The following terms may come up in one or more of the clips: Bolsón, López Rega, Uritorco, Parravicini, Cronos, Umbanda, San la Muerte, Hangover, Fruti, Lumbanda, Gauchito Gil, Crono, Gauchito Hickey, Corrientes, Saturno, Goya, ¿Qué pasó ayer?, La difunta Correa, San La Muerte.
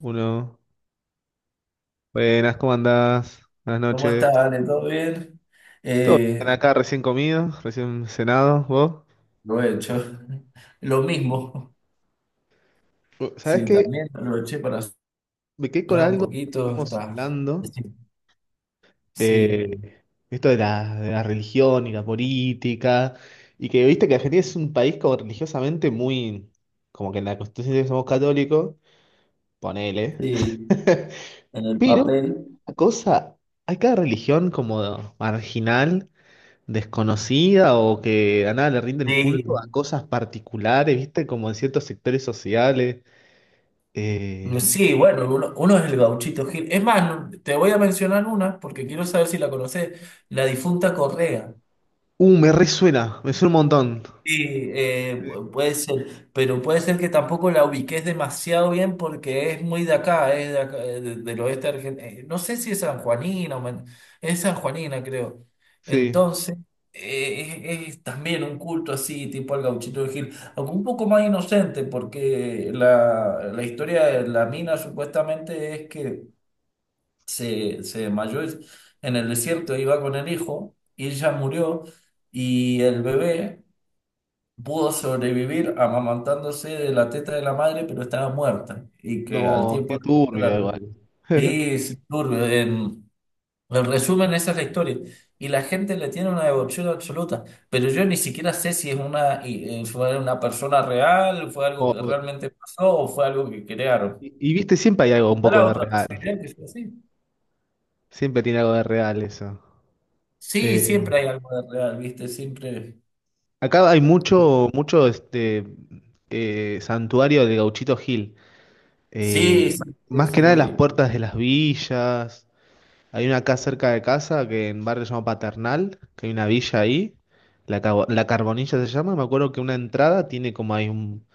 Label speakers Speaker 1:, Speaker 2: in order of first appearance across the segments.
Speaker 1: Uno. Buenas, ¿cómo andás? Buenas
Speaker 2: ¿Cómo
Speaker 1: noches.
Speaker 2: estás, Ale? ¿Todo bien?
Speaker 1: Todo bien
Speaker 2: Eh,
Speaker 1: acá, recién comido, recién cenado, vos.
Speaker 2: lo he hecho. Lo mismo.
Speaker 1: ¿Sabés
Speaker 2: Sí,
Speaker 1: qué?
Speaker 2: también lo eché para
Speaker 1: Me quedé con
Speaker 2: sacar un
Speaker 1: algo que
Speaker 2: poquito.
Speaker 1: estuvimos
Speaker 2: Está.
Speaker 1: hablando.
Speaker 2: Sí, sí,
Speaker 1: eh, Esto de la religión y la política. Y que viste que Argentina es un país como religiosamente muy. Como que en la Constitución dice que somos católicos. Ponele.
Speaker 2: sí, en el
Speaker 1: Pero,
Speaker 2: papel.
Speaker 1: una cosa. Hay cada religión como marginal. Desconocida o que a nada le rinden culto a
Speaker 2: Sí,
Speaker 1: cosas particulares, ¿viste? Como en ciertos sectores sociales. Eh,
Speaker 2: sí, bueno, uno es el Gauchito Gil. Es más, te voy a mencionar una porque quiero saber si la conoces. La difunta Correa.
Speaker 1: Me suena un montón.
Speaker 2: Sí, puede ser, pero puede ser que tampoco la ubiques demasiado bien porque es muy de acá, es de acá, del oeste argentino. No sé si es sanjuanina, es sanjuanina creo.
Speaker 1: Sí,
Speaker 2: Entonces, es también un culto así, tipo al gauchito de Gil, aunque un poco más inocente porque la historia de la mina supuestamente es que se desmayó en el desierto, iba con el hijo y ella murió y el bebé pudo sobrevivir amamantándose de la teta de la madre, pero estaba muerta y que al
Speaker 1: no,
Speaker 2: tiempo
Speaker 1: qué
Speaker 2: la
Speaker 1: turbio
Speaker 2: capturaron.
Speaker 1: igual.
Speaker 2: Sí, es turbio. En resumen, esa es la historia. Y la gente le tiene una devoción absoluta, pero yo ni siquiera sé si es una, fue una persona real, fue algo
Speaker 1: O-
Speaker 2: que
Speaker 1: o-
Speaker 2: realmente pasó o fue algo que crearon.
Speaker 1: y viste, siempre hay algo un
Speaker 2: ¿Está
Speaker 1: poco
Speaker 2: la
Speaker 1: de
Speaker 2: otra
Speaker 1: real.
Speaker 2: posibilidad que sea así?
Speaker 1: Siempre tiene algo de real eso.
Speaker 2: Sí,
Speaker 1: Eh,
Speaker 2: siempre hay algo de real, ¿viste? Siempre.
Speaker 1: Acá hay mucho este santuario de Gauchito Gil.
Speaker 2: Sí,
Speaker 1: Eh,
Speaker 2: sí,
Speaker 1: Más que
Speaker 2: eso
Speaker 1: nada
Speaker 2: lo
Speaker 1: en las
Speaker 2: vi.
Speaker 1: puertas de las villas. Hay una acá cerca de casa, que en barrio se llama Paternal, que hay una villa ahí, la, la Carbonilla se llama, me acuerdo que una entrada tiene como hay un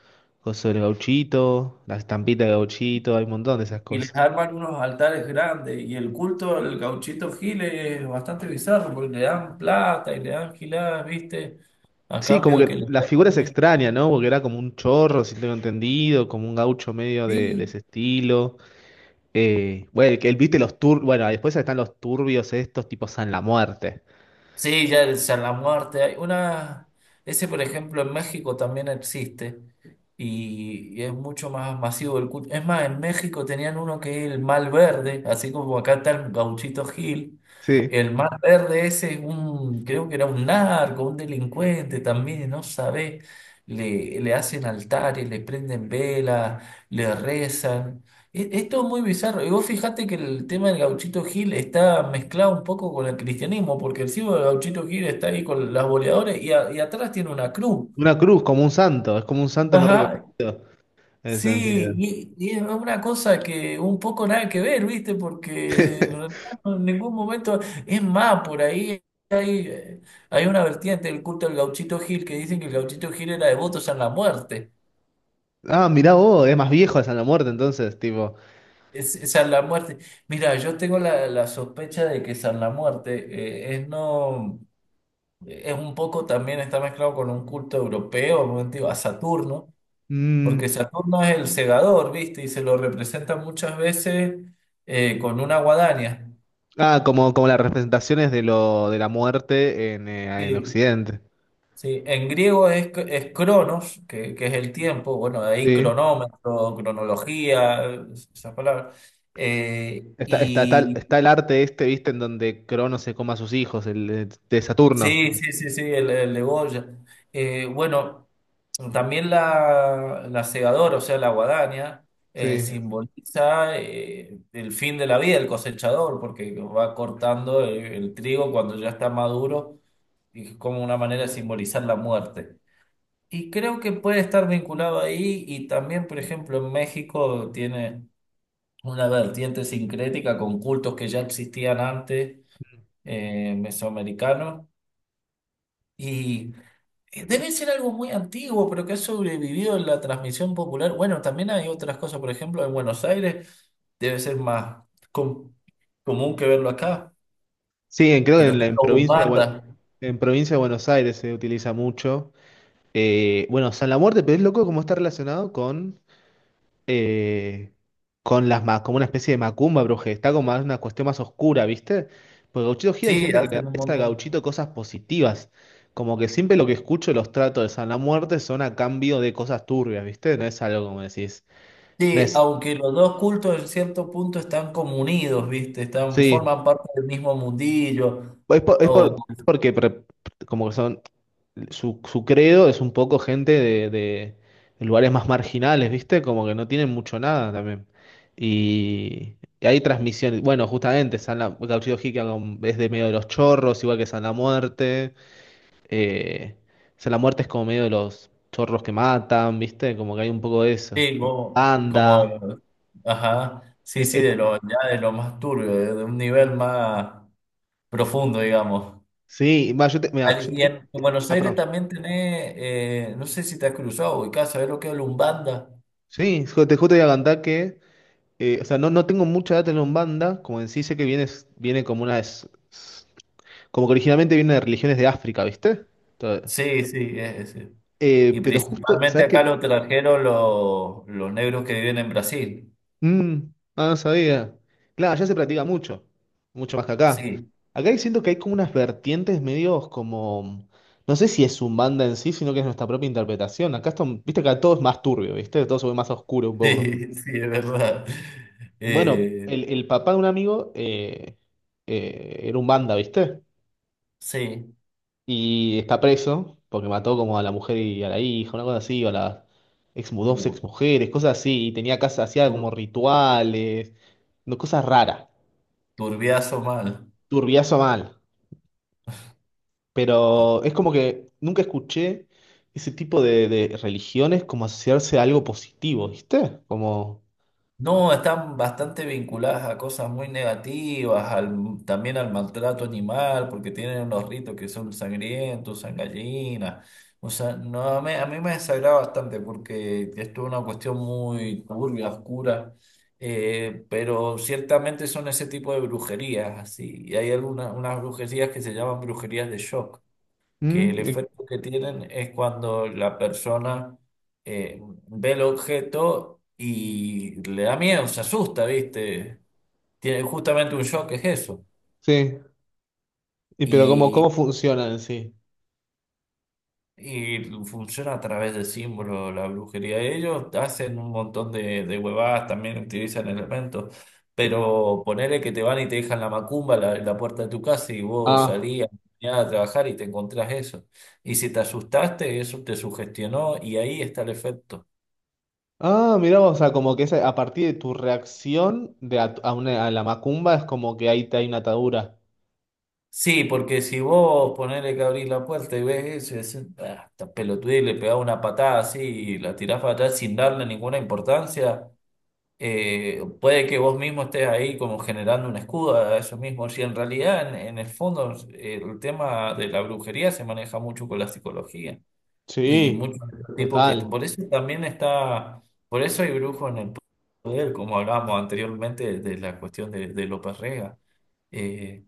Speaker 1: coso del gauchito, la estampita de gauchito, hay un montón de esas
Speaker 2: Y les
Speaker 1: cosas.
Speaker 2: arman unos altares grandes. Y el culto al gauchito Giles es bastante bizarro porque le dan plata y le dan giladas, ¿viste? A
Speaker 1: Sí, como
Speaker 2: cambio de
Speaker 1: que
Speaker 2: que les
Speaker 1: la figura es
Speaker 2: hagan.
Speaker 1: extraña, ¿no? Porque era como un chorro, si tengo entendido, como un gaucho medio de
Speaker 2: Sí,
Speaker 1: ese estilo. Bueno, viste los tur, bueno, después están los turbios estos, tipo San la Muerte.
Speaker 2: sí, ya el muerte Hay una. Ese, por ejemplo, en México también existe. Y es mucho más masivo el culto. Es más, en México tenían uno que es el mal verde, así como acá está el Gauchito Gil.
Speaker 1: Sí.
Speaker 2: El mal verde ese es un, creo que era un narco, un delincuente también, no sabés. Le hacen altares, le prenden velas, le rezan. Esto es muy bizarro. Y vos fijate que el tema del Gauchito Gil está mezclado un poco con el cristianismo, porque el símbolo del Gauchito Gil está ahí con las boleadoras y atrás tiene una cruz.
Speaker 1: Una cruz, como un santo, es como un santo no
Speaker 2: Ajá.
Speaker 1: reconocido en ese
Speaker 2: Sí,
Speaker 1: sentido.
Speaker 2: y es una cosa que un poco nada que ver, ¿viste? Porque en realidad en ningún momento es más por ahí. Hay, hay una vertiente del culto del Gauchito Gil que dicen que el Gauchito Gil era devoto a la muerte.
Speaker 1: Ah, mirá vos, es más viejo de la Muerte, entonces, tipo.
Speaker 2: Es San La Muerte. Mira, yo tengo la, la sospecha de que San La Muerte es no es un poco también está mezclado con un culto europeo, un culto a Saturno, porque
Speaker 1: mm,
Speaker 2: Saturno es el segador, ¿viste? Y se lo representa muchas veces con una guadaña.
Speaker 1: Como, como las representaciones de lo, de la muerte en
Speaker 2: Sí,
Speaker 1: Occidente.
Speaker 2: sí. En griego es Cronos, que es el tiempo, bueno, de ahí
Speaker 1: Sí.
Speaker 2: cronómetro, cronología, esas palabras. Eh,
Speaker 1: Está, está, está,
Speaker 2: y
Speaker 1: está el arte este, viste, en donde Crono se come a sus hijos, el de Saturno.
Speaker 2: Sí, sí, sí, sí, el de Goya. Bueno, también la segadora, o sea, la guadaña,
Speaker 1: Sí.
Speaker 2: simboliza el fin de la vida del cosechador, porque va cortando el trigo cuando ya está maduro, y es como una manera de simbolizar la muerte. Y creo que puede estar vinculado ahí, y también, por ejemplo, en México tiene una vertiente sincrética con cultos que ya existían antes, mesoamericanos y debe ser algo muy antiguo, pero que ha sobrevivido en la transmisión popular. Bueno, también hay otras cosas, por ejemplo, en Buenos Aires debe ser más com- común que verlo acá,
Speaker 1: Sí, creo que
Speaker 2: pero
Speaker 1: en,
Speaker 2: están
Speaker 1: en
Speaker 2: los
Speaker 1: provincia
Speaker 2: bandas.
Speaker 1: en provincia de Buenos Aires se utiliza mucho. Bueno, San la Muerte, pero es loco cómo está relacionado con. eh, con las como una especie de macumba brujería, está como más una cuestión más oscura, ¿viste? Porque Gauchito Gira hay
Speaker 2: Sí,
Speaker 1: gente que le
Speaker 2: hacen un
Speaker 1: agradece a
Speaker 2: montón.
Speaker 1: Gauchito cosas positivas, como que siempre lo que escucho de los tratos de San la Muerte son a cambio de cosas turbias, ¿viste? No es algo como decís, no
Speaker 2: Sí,
Speaker 1: es,
Speaker 2: aunque los dos cultos en cierto punto están como unidos, ¿viste? Están,
Speaker 1: sí.
Speaker 2: forman parte del mismo mundillo.
Speaker 1: Es por- es
Speaker 2: O,
Speaker 1: por- porque pre- como que son, su credo es un poco gente de lugares más marginales, ¿viste? Como que no tienen mucho nada también. Y hay transmisiones, bueno, justamente, Gauchito Hickey es de medio de los chorros, igual que San La Muerte. Eh, San La Muerte es como medio de los chorros que matan, ¿viste? Como que hay un poco de eso.
Speaker 2: sí,
Speaker 1: Anda.
Speaker 2: ajá, sí,
Speaker 1: El-
Speaker 2: sí,
Speaker 1: el-
Speaker 2: de lo, ya de lo más turbio, de un nivel más profundo, digamos.
Speaker 1: sí, va,
Speaker 2: Y en Buenos
Speaker 1: ah,
Speaker 2: Aires
Speaker 1: perdón.
Speaker 2: también tenés, no sé si te has cruzado, ubicás, ¿sabés lo que es Lumbanda?
Speaker 1: Sí, te justo iba a cantar que... O sea, no, no tengo mucha data en Umbanda, como en sí sé que viene, viene como una... Como que originalmente viene de religiones de África, ¿viste? Todo.
Speaker 2: Sí, sí, es, sí. Y
Speaker 1: Pero justo,
Speaker 2: principalmente
Speaker 1: ¿sabes
Speaker 2: acá
Speaker 1: qué?
Speaker 2: los trajeron los negros que viven en Brasil.
Speaker 1: Mm, ah, no sabía. Claro, allá se practica mucho, mucho más que acá.
Speaker 2: Sí,
Speaker 1: Siento que hay como unas vertientes medios como... No sé si es Umbanda en sí, sino que es nuestra propia interpretación. Acá esto, viste que acá todo es más turbio, ¿viste? Todo se ve más oscuro un poco.
Speaker 2: sí, sí, es verdad.
Speaker 1: Bueno,
Speaker 2: Eh,
Speaker 1: el papá de un amigo era Umbanda, ¿viste?
Speaker 2: sí,
Speaker 1: Y está preso porque mató como a la mujer y a la hija, una cosa así, o a las dos
Speaker 2: Uh,
Speaker 1: ex mujeres, cosas así. Y tenía casa, hacía como
Speaker 2: tur-
Speaker 1: rituales, no, cosas raras,
Speaker 2: turbiazo mal.
Speaker 1: turbiazo mal. Pero es como que nunca escuché ese tipo de religiones como asociarse a algo positivo, ¿viste? Como.
Speaker 2: No, están bastante vinculadas a cosas muy negativas, también al maltrato animal, porque tienen unos ritos que son sangrientos, sangallinas. O sea, no, a mí me desagrada bastante porque esto es una cuestión muy turbia, oscura, pero ciertamente son ese tipo de brujerías, así. Y hay algunas unas brujerías que se llaman brujerías de shock que el
Speaker 1: mm, eh,
Speaker 2: efecto que tienen es cuando la persona eh, ve el objeto y le da miedo, se asusta, ¿viste? Tiene justamente un shock, es eso.
Speaker 1: Sí. Y pero como, ¿cómo
Speaker 2: Y,
Speaker 1: funcionan en sí?
Speaker 2: y funciona a través de símbolos la brujería. Ellos hacen un montón de huevadas, también utilizan elementos. Pero ponele que te van y te dejan la macumba en la puerta de tu casa y vos
Speaker 1: Ah.
Speaker 2: salías mañana a trabajar y te encontrás eso. Y si te asustaste, eso te sugestionó y ahí está el efecto.
Speaker 1: Ah, mirá, vos, o sea, como que es a partir de tu reacción a a la macumba es como que ahí te hay una atadura.
Speaker 2: Sí, porque si vos ponele que abrís la puerta y ves eso y decís, "Ah, esta pelotudez", y le pegás una patada así y la tirás para atrás sin darle ninguna importancia, puede que vos mismo estés ahí como generando un escudo a eso mismo. Si en realidad, en el fondo, el tema de la brujería se maneja mucho con la psicología y
Speaker 1: Sí,
Speaker 2: muchos de los tipos que...
Speaker 1: total.
Speaker 2: Por eso también está, por eso hay brujos en el poder, como hablábamos anteriormente de, la cuestión de López Rega. Eh,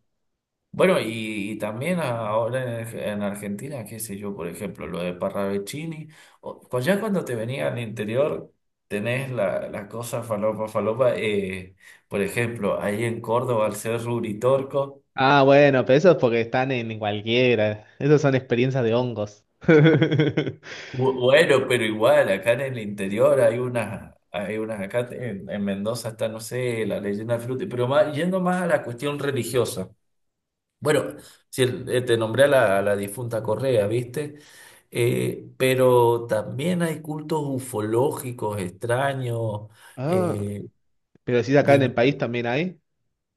Speaker 2: bueno, y también ahora en Argentina, qué sé yo, por ejemplo, lo de Parravicini, ya cuando te venía al interior, tenés la, la cosa falopa, falopa, por ejemplo, ahí en Córdoba, al ser Uritorco,
Speaker 1: Ah, bueno, pero eso es porque están en cualquiera. Esas son experiencias de hongos.
Speaker 2: bueno, pero igual, acá en el interior hay unas, acá en Mendoza está, no sé, la leyenda del Fruti, pero más, yendo más a la cuestión religiosa. Bueno, si el- te nombré a la difunta Correa, ¿viste? Pero también hay cultos ufológicos extraños.
Speaker 1: Ah,
Speaker 2: eh,
Speaker 1: pero si acá en el
Speaker 2: vin-
Speaker 1: país también hay.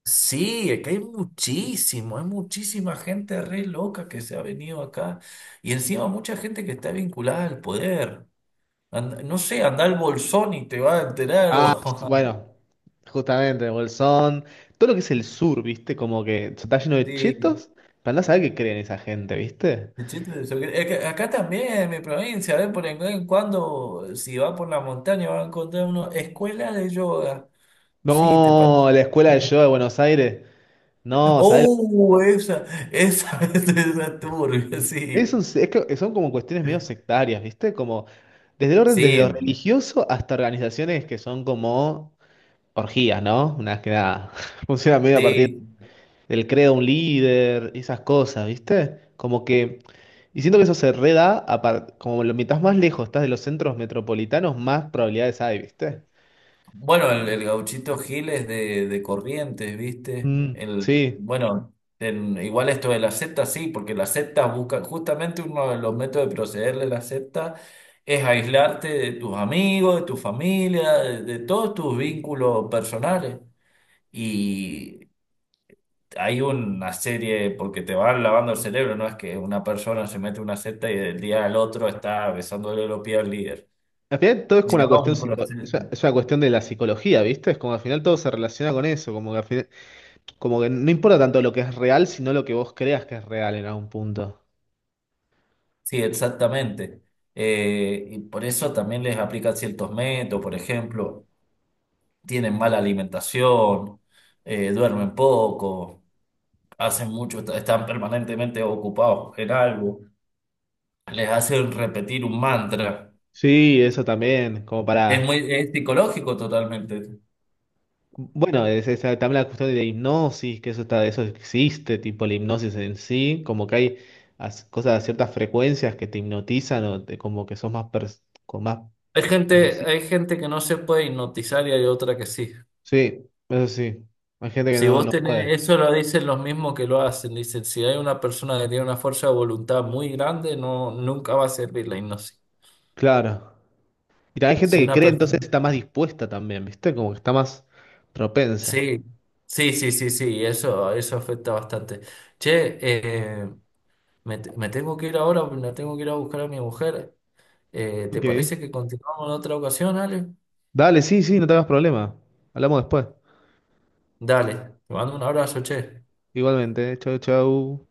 Speaker 2: sí, es que hay muchísimo, hay muchísima gente re loca que se ha venido acá. Y encima mucha gente que está vinculada al poder. No sé, anda al Bolsón y te va a enterar.
Speaker 1: Ah,
Speaker 2: O,
Speaker 1: bueno, justamente, Bolsón, todo lo que es el sur, ¿viste? Como que está lleno de
Speaker 2: sí.
Speaker 1: chetos, para no saber qué creen esa gente, ¿viste?
Speaker 2: El chiste de eso, es que acá también, en mi provincia, ¿ves? Por en cuando, si va por la montaña, va a encontrar una escuela de yoga. Sí, te
Speaker 1: No,
Speaker 2: parece.
Speaker 1: la escuela de yo de Buenos Aires, no, ¿sabes?
Speaker 2: ¡Oh! Esa, esa, turbia,
Speaker 1: Es un-
Speaker 2: sí.
Speaker 1: es que son como cuestiones medio sectarias, ¿viste? Como desde el orden, desde
Speaker 2: Sí,
Speaker 1: lo religioso hasta organizaciones que son como orgías, ¿no? Una que nada, funciona medio a partir
Speaker 2: sí.
Speaker 1: del credo de un líder, esas cosas, ¿viste? Como que, y siento que eso se reda, como lo, mientras más lejos estás de los centros metropolitanos, más probabilidades hay, ¿viste?
Speaker 2: Bueno, el gauchito Gil es de Corrientes, ¿viste?
Speaker 1: Mm,
Speaker 2: El,
Speaker 1: sí.
Speaker 2: bueno, igual esto de la secta sí, porque las sectas buscan, justamente uno de los métodos de proceder de la secta es aislarte de tus amigos, de tu familia, de todos tus vínculos personales. Y hay una serie, porque te van lavando el cerebro, no es que una persona se mete en una secta y del día al otro está besándole los pies al líder.
Speaker 1: Al final todo es como una
Speaker 2: Lleva un
Speaker 1: cuestión
Speaker 2: proceso.
Speaker 1: es una cuestión de la psicología, ¿viste? Es como al final todo se relaciona con eso, como que al final, como que no importa tanto lo que es real, sino lo que vos creas que es real en algún punto.
Speaker 2: Sí, exactamente. Y por eso también les aplican ciertos métodos, por ejemplo, tienen mala alimentación, duermen poco, hacen mucho, están permanentemente ocupados en algo, les hacen repetir un mantra.
Speaker 1: Sí, eso también, como
Speaker 2: Es
Speaker 1: para...
Speaker 2: muy, es psicológico totalmente.
Speaker 1: Bueno, es también la cuestión de la hipnosis, que eso está, eso existe, tipo la hipnosis en sí, como que hay cosas de ciertas frecuencias que te hipnotizan o como que sos más con más permisi-
Speaker 2: Hay gente que no se puede hipnotizar y hay otra que sí.
Speaker 1: sí, eso sí. Hay gente que
Speaker 2: Si
Speaker 1: no,
Speaker 2: vos
Speaker 1: no puede.
Speaker 2: tenés, eso lo dicen los mismos que lo hacen, dicen, si hay una persona que tiene una fuerza de voluntad muy grande, no, nunca va a servir la hipnosis.
Speaker 1: Claro. Y hay gente
Speaker 2: Si
Speaker 1: que
Speaker 2: una
Speaker 1: cree, entonces
Speaker 2: persona.
Speaker 1: está más dispuesta también, ¿viste? Como que está más propensa.
Speaker 2: Sí, sí, sí, sí, sí, eso afecta bastante. Che, me tengo que ir ahora, la tengo que ir a buscar a mi mujer. ¿Te
Speaker 1: Ok.
Speaker 2: parece que continuamos en otra ocasión, Ale?
Speaker 1: Dale, sí, sí, no tengas problema. Hablamos después.
Speaker 2: Dale, te mando un abrazo, che.
Speaker 1: Igualmente, chau, chau.